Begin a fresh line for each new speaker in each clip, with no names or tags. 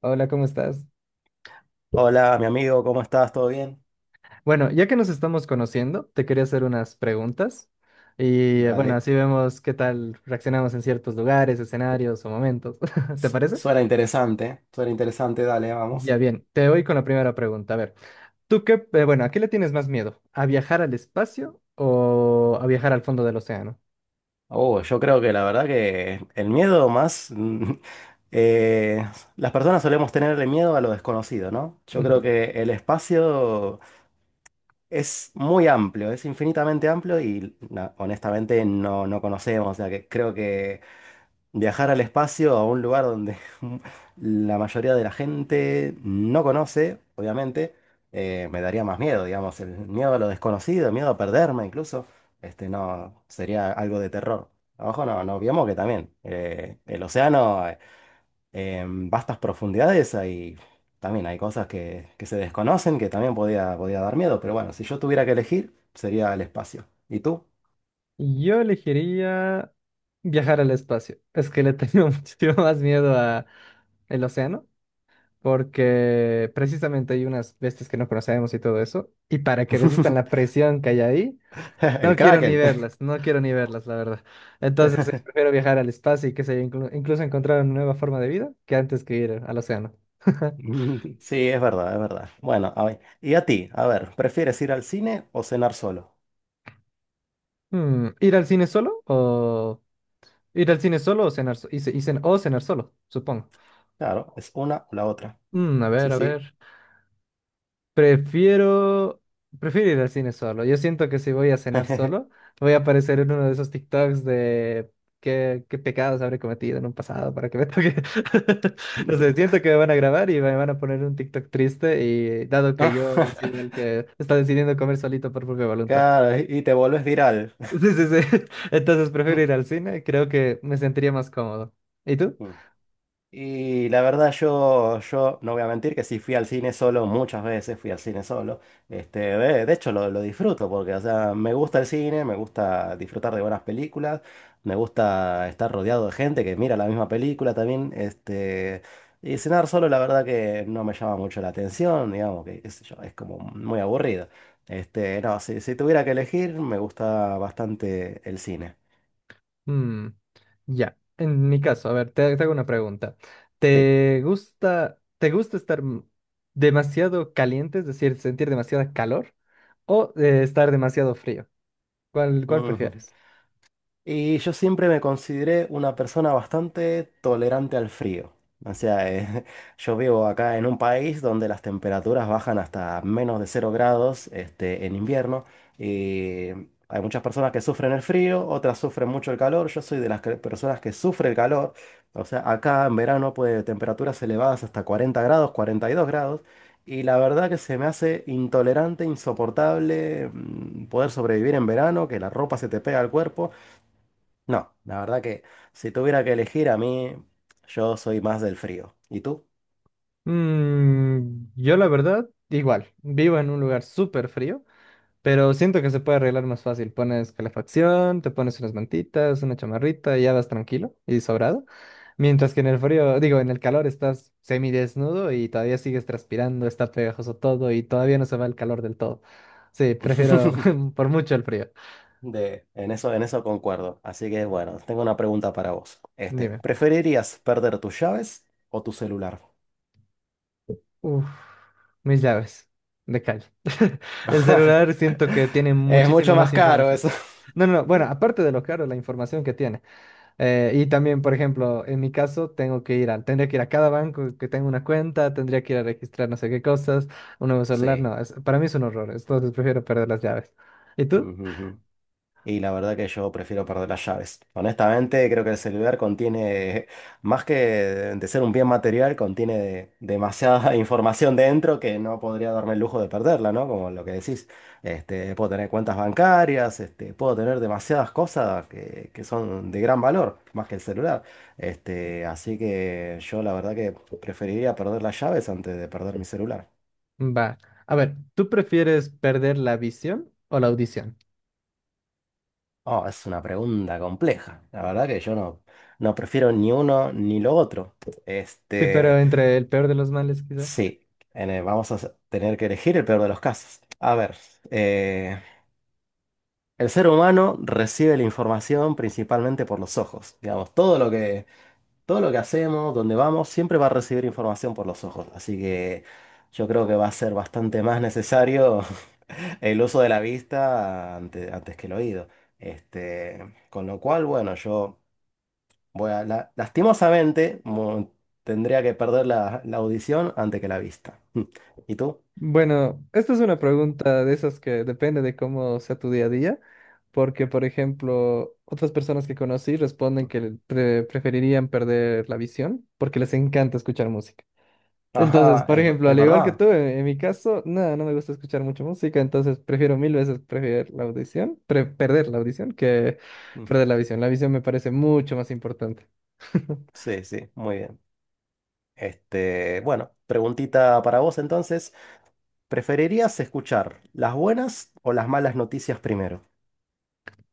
Hola, ¿cómo estás?
Hola, mi amigo, ¿cómo estás? ¿Todo bien?
Bueno, ya que nos estamos conociendo, te quería hacer unas preguntas y bueno,
Dale.
así vemos qué tal reaccionamos en ciertos lugares, escenarios o momentos. ¿Te parece?
Suena interesante, dale,
Ya
vamos.
bien, te voy con la primera pregunta. A ver, ¿tú qué, bueno, a qué le tienes más miedo? ¿A viajar al espacio o a viajar al fondo del océano?
Oh, yo creo que la verdad que el miedo más, eh, las personas solemos tenerle miedo a lo desconocido, ¿no? Yo creo
Ujú.
que el espacio es muy amplio, es infinitamente amplio y honestamente no conocemos, o sea que creo que viajar al espacio, a un lugar donde la mayoría de la gente no conoce, obviamente, me daría más miedo, digamos, el miedo a lo desconocido, el miedo a perderme incluso, no, sería algo de terror. Abajo no olvidemos que también el océano, en vastas profundidades, también hay cosas que se desconocen que también podía dar miedo, pero bueno, si yo tuviera que elegir, sería el espacio. ¿Y tú?
Yo elegiría viajar al espacio. Es que le tengo muchísimo más miedo a el océano, porque precisamente hay unas bestias que no conocemos y todo eso, y para que resistan la presión que hay ahí,
El
no quiero ni
Kraken.
verlas, no quiero ni verlas, la verdad. Entonces, sí, prefiero viajar al espacio y que se incluso encontrar una nueva forma de vida que antes que ir al océano.
Sí, es verdad, es verdad. Bueno, a ver, y a ti, a ver, ¿prefieres ir al cine o cenar solo?
Hmm, ¿ir al cine solo o cenar, o cenar solo, supongo?
Claro, es una o la otra.
Mm, a
Sí,
ver, a
sí.
ver. Prefiero, Prefiero ir al cine solo. Yo siento que si voy a cenar solo, voy a aparecer en uno de esos TikToks de qué pecados habré cometido en un pasado para que me toque. No sé, siento que me van a grabar y me van a poner un TikTok triste y dado que yo sido el que está decidiendo comer solito por propia voluntad.
Claro, y te vuelves viral.
Sí, sí, sí. Entonces prefiero ir al cine, creo que me sentiría más cómodo. ¿Y tú?
Y la verdad yo no voy a mentir que sí fui al cine solo, muchas veces fui al cine solo. De hecho lo disfruto porque, o sea, me gusta el cine, me gusta disfrutar de buenas películas, me gusta estar rodeado de gente que mira la misma película también. Y cenar solo la verdad que no me llama mucho la atención, digamos que qué sé yo, es como muy aburrido. No, si tuviera que elegir, me gusta bastante el cine.
Mm, ya, en mi caso, a ver, te hago una pregunta.
Sí.
Te gusta estar demasiado caliente, es decir, sentir demasiada calor, o estar demasiado frío? ¿Cuál prefieres?
Y yo siempre me consideré una persona bastante tolerante al frío. O sea, yo vivo acá en un país donde las temperaturas bajan hasta menos de 0 grados, en invierno. Y hay muchas personas que sufren el frío, otras sufren mucho el calor. Yo soy de personas que sufre el calor. O sea, acá en verano puede temperaturas elevadas hasta 40 grados, 42 grados. Y la verdad que se me hace intolerante, insoportable poder sobrevivir en verano, que la ropa se te pega al cuerpo. No, la verdad que si tuviera que elegir a mí, yo soy más del frío. ¿Y tú?
Mm, yo la verdad, igual, vivo en un lugar súper frío, pero siento que se puede arreglar más fácil. Pones calefacción, te pones unas mantitas, una chamarrita y ya vas tranquilo y sobrado. Mientras que en el frío, digo, en el calor estás semidesnudo y todavía sigues transpirando, está pegajoso todo y todavía no se va el calor del todo. Sí, prefiero por mucho el frío.
En eso concuerdo. Así que bueno, tengo una pregunta para vos.
Dime.
¿Preferirías perder tus llaves o tu celular?
Uf, mis llaves de calle. El celular siento que tiene
Es
muchísima
mucho
más
más caro
información.
eso.
No, no, no. Bueno, aparte de lo caro, la información que tiene. Y también, por ejemplo, en mi caso, tengo que ir a, tendría que ir a cada banco que tenga una cuenta, tendría que ir a registrar no sé qué cosas, un nuevo celular,
Sí.
no, para mí es un horror, entonces prefiero perder las llaves. ¿Y tú?
Ujú, ujú. Y la verdad que yo prefiero perder las llaves. Honestamente, creo que el celular contiene, más que de ser un bien material, contiene demasiada información dentro que no podría darme el lujo de perderla, ¿no? Como lo que decís, puedo tener cuentas bancarias, puedo tener demasiadas cosas que son de gran valor, más que el celular. Así que yo la verdad que preferiría perder las llaves antes de perder mi celular.
Va. A ver, ¿tú prefieres perder la visión o la audición?
Oh, es una pregunta compleja. La verdad que yo no prefiero ni uno ni lo otro.
Sí, pero
Este,
entre el peor de los males, quizá.
sí, vamos a tener que elegir el peor de los casos. A ver, eh, el ser humano recibe la información principalmente por los ojos. Digamos, todo lo que hacemos, donde vamos, siempre va a recibir información por los ojos. Así que yo creo que va a ser bastante más necesario el uso de la vista antes que el oído. Con lo cual, bueno, yo. Bueno, lastimosamente tendría que perder la audición antes que la vista. Mm. ¿Y tú?
Bueno, esta es una pregunta de esas que depende de cómo sea tu día a día, porque, por ejemplo, otras personas que conocí responden que preferirían perder la visión porque les encanta escuchar música. Entonces,
Ajá,
por
es,
ejemplo,
es
al igual que
verdad.
tú, en mi caso, nada, no me gusta escuchar mucho música, entonces prefiero mil veces preferir la audición, perder la audición que
Mm,
perder la visión. La visión me parece mucho más importante.
Sí, sí, muy bien. Bueno, preguntita para vos entonces. ¿Preferirías escuchar las buenas o las malas noticias primero?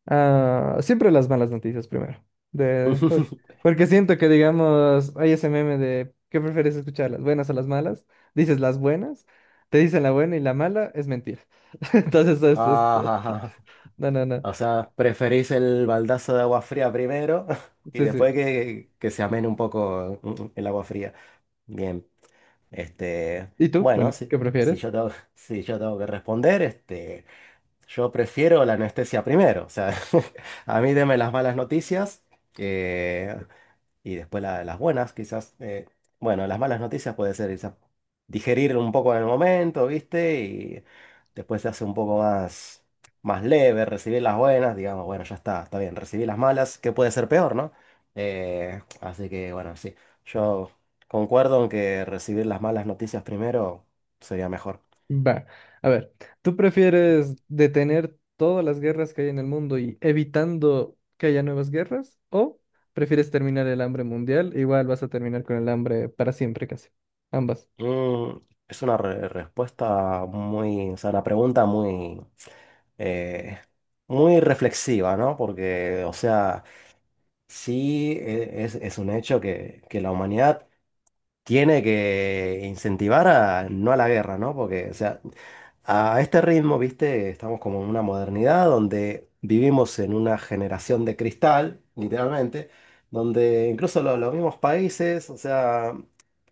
Ah, siempre las malas noticias primero. De, uy, porque siento que, digamos, hay ese meme de ¿qué prefieres escuchar? ¿Las buenas o las malas? Dices las buenas, te dicen la buena y la mala es mentira. Entonces,
Ajá,
no, no, no.
o sea, preferís el baldazo de agua fría primero y
Sí, sí.
después que se amene un poco el agua fría. Bien. Este,
¿Y tú?
bueno,
Bueno,
si,
¿qué
si
prefieres?
yo tengo, si yo tengo que responder, yo prefiero la anestesia primero. O sea, a mí deme las malas noticias. eh, y después las buenas, quizás, bueno, las malas noticias puede ser quizás digerir un poco en el momento, ¿viste? Y después se hace un poco más leve, recibir las buenas, digamos, bueno, ya está, está bien, recibí las malas, que puede ser peor, ¿no? Así que, bueno, sí, yo concuerdo en que recibir las malas noticias primero sería mejor.
Va, a ver, ¿tú prefieres detener todas las guerras que hay en el mundo y evitando que haya nuevas guerras? ¿O prefieres terminar el hambre mundial? Igual vas a terminar con el hambre para siempre casi. Ambas.
Mm, es una respuesta muy, o sea, una pregunta muy, eh, muy reflexiva, ¿no? Porque, o sea. Sí, es un hecho que la humanidad tiene que incentivar a, no a la guerra, ¿no? Porque, o sea, a este ritmo, viste, estamos como en una modernidad donde vivimos en una generación de cristal, literalmente, donde incluso los mismos países, o sea,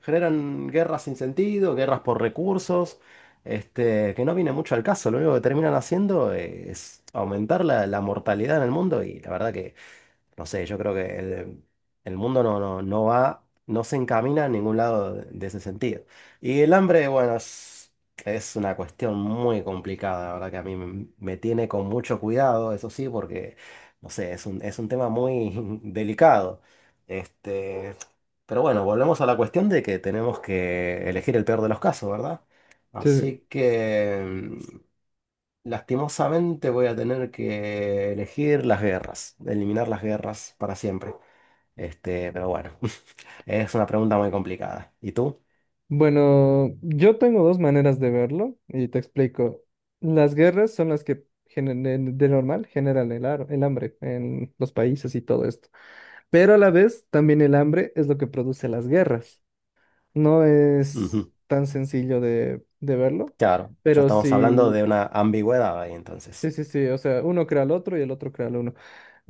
generan guerras sin sentido, guerras por recursos, que no viene mucho al caso. Lo único que terminan haciendo es aumentar la mortalidad en el mundo y la verdad que. No sé, yo creo que el mundo no va, no se encamina a ningún lado de ese sentido. Y el hambre, bueno, es una cuestión muy complicada, la verdad que a mí me tiene con mucho cuidado, eso sí, porque, no sé, es un tema muy delicado. Este, pero bueno, volvemos a la cuestión de que tenemos que elegir el peor de los casos, ¿verdad?
Sí, sí.
Así que, mm, lastimosamente, voy a tener que elegir las guerras, eliminar las guerras para siempre. Pero bueno, es una pregunta muy complicada. ¿Y tú?
Bueno, yo tengo dos maneras de verlo y te explico. Las guerras son las que de normal generan el hambre en los países y todo esto. Pero a la vez, también el hambre es lo que produce las guerras. No es
Ujú,
tan sencillo de verlo,
claro, ya
pero
estamos hablando
sí,
de una ambigüedad ahí
sí,
entonces.
sí, sí, o sea, uno crea al otro y el otro crea al uno.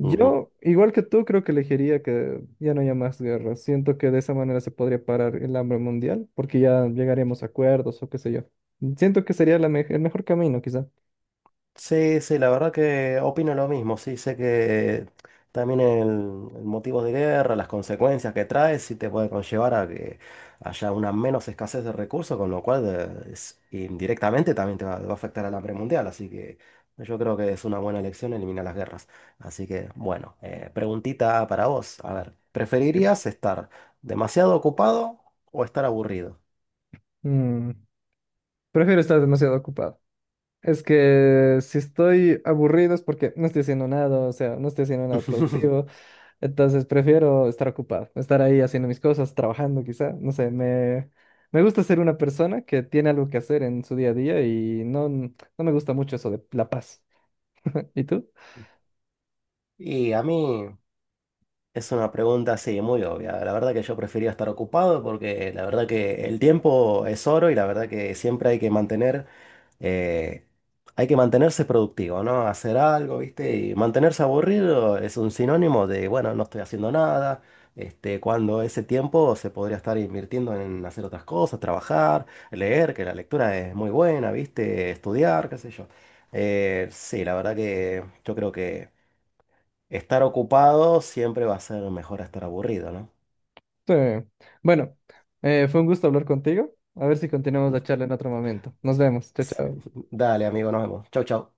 Ujú.
igual que tú, creo que elegiría que ya no haya más guerras. Siento que de esa manera se podría parar el hambre mundial, porque ya llegaríamos a acuerdos o qué sé yo. Siento que sería el mejor camino, quizá.
Sí, sí, la verdad que opino lo mismo. Sí, sé que también el motivo de guerra, las consecuencias que trae, sí te puede conllevar a que haya una menos escasez de recursos, con lo cual indirectamente también te va a afectar al hambre mundial. Así que yo creo que es una buena elección eliminar las guerras. Así que, bueno, preguntita para vos. A ver,
Dime.
¿preferirías estar demasiado ocupado o estar aburrido?
Mm, prefiero estar demasiado ocupado. Es que si estoy aburrido es porque no estoy haciendo nada, o sea, no estoy haciendo nada productivo. Entonces prefiero estar ocupado, estar ahí haciendo mis cosas, trabajando quizá, no sé, me gusta ser una persona que tiene algo que hacer en su día a día y no, no me gusta mucho eso de la paz. ¿Y tú?
Y a mí. Es una pregunta, sí, muy obvia. La verdad que yo prefería estar ocupado porque la verdad que el tiempo es oro y la verdad que siempre hay que mantener, eh, hay que mantenerse productivo, ¿no? Hacer algo, ¿viste? Y mantenerse aburrido es un sinónimo de, bueno, no estoy haciendo nada, cuando ese tiempo se podría estar invirtiendo en hacer otras cosas, trabajar, leer, que la lectura es muy buena, ¿viste? Estudiar, qué sé yo. Sí, la verdad que yo creo que. Estar ocupado siempre va a ser mejor a estar aburrido, ¿no?
Sí. Bueno, fue un gusto hablar contigo. A ver si continuamos la charla en otro momento. Nos vemos. Chao, chao.
Dale, amigo, nos vemos. Chau, chau.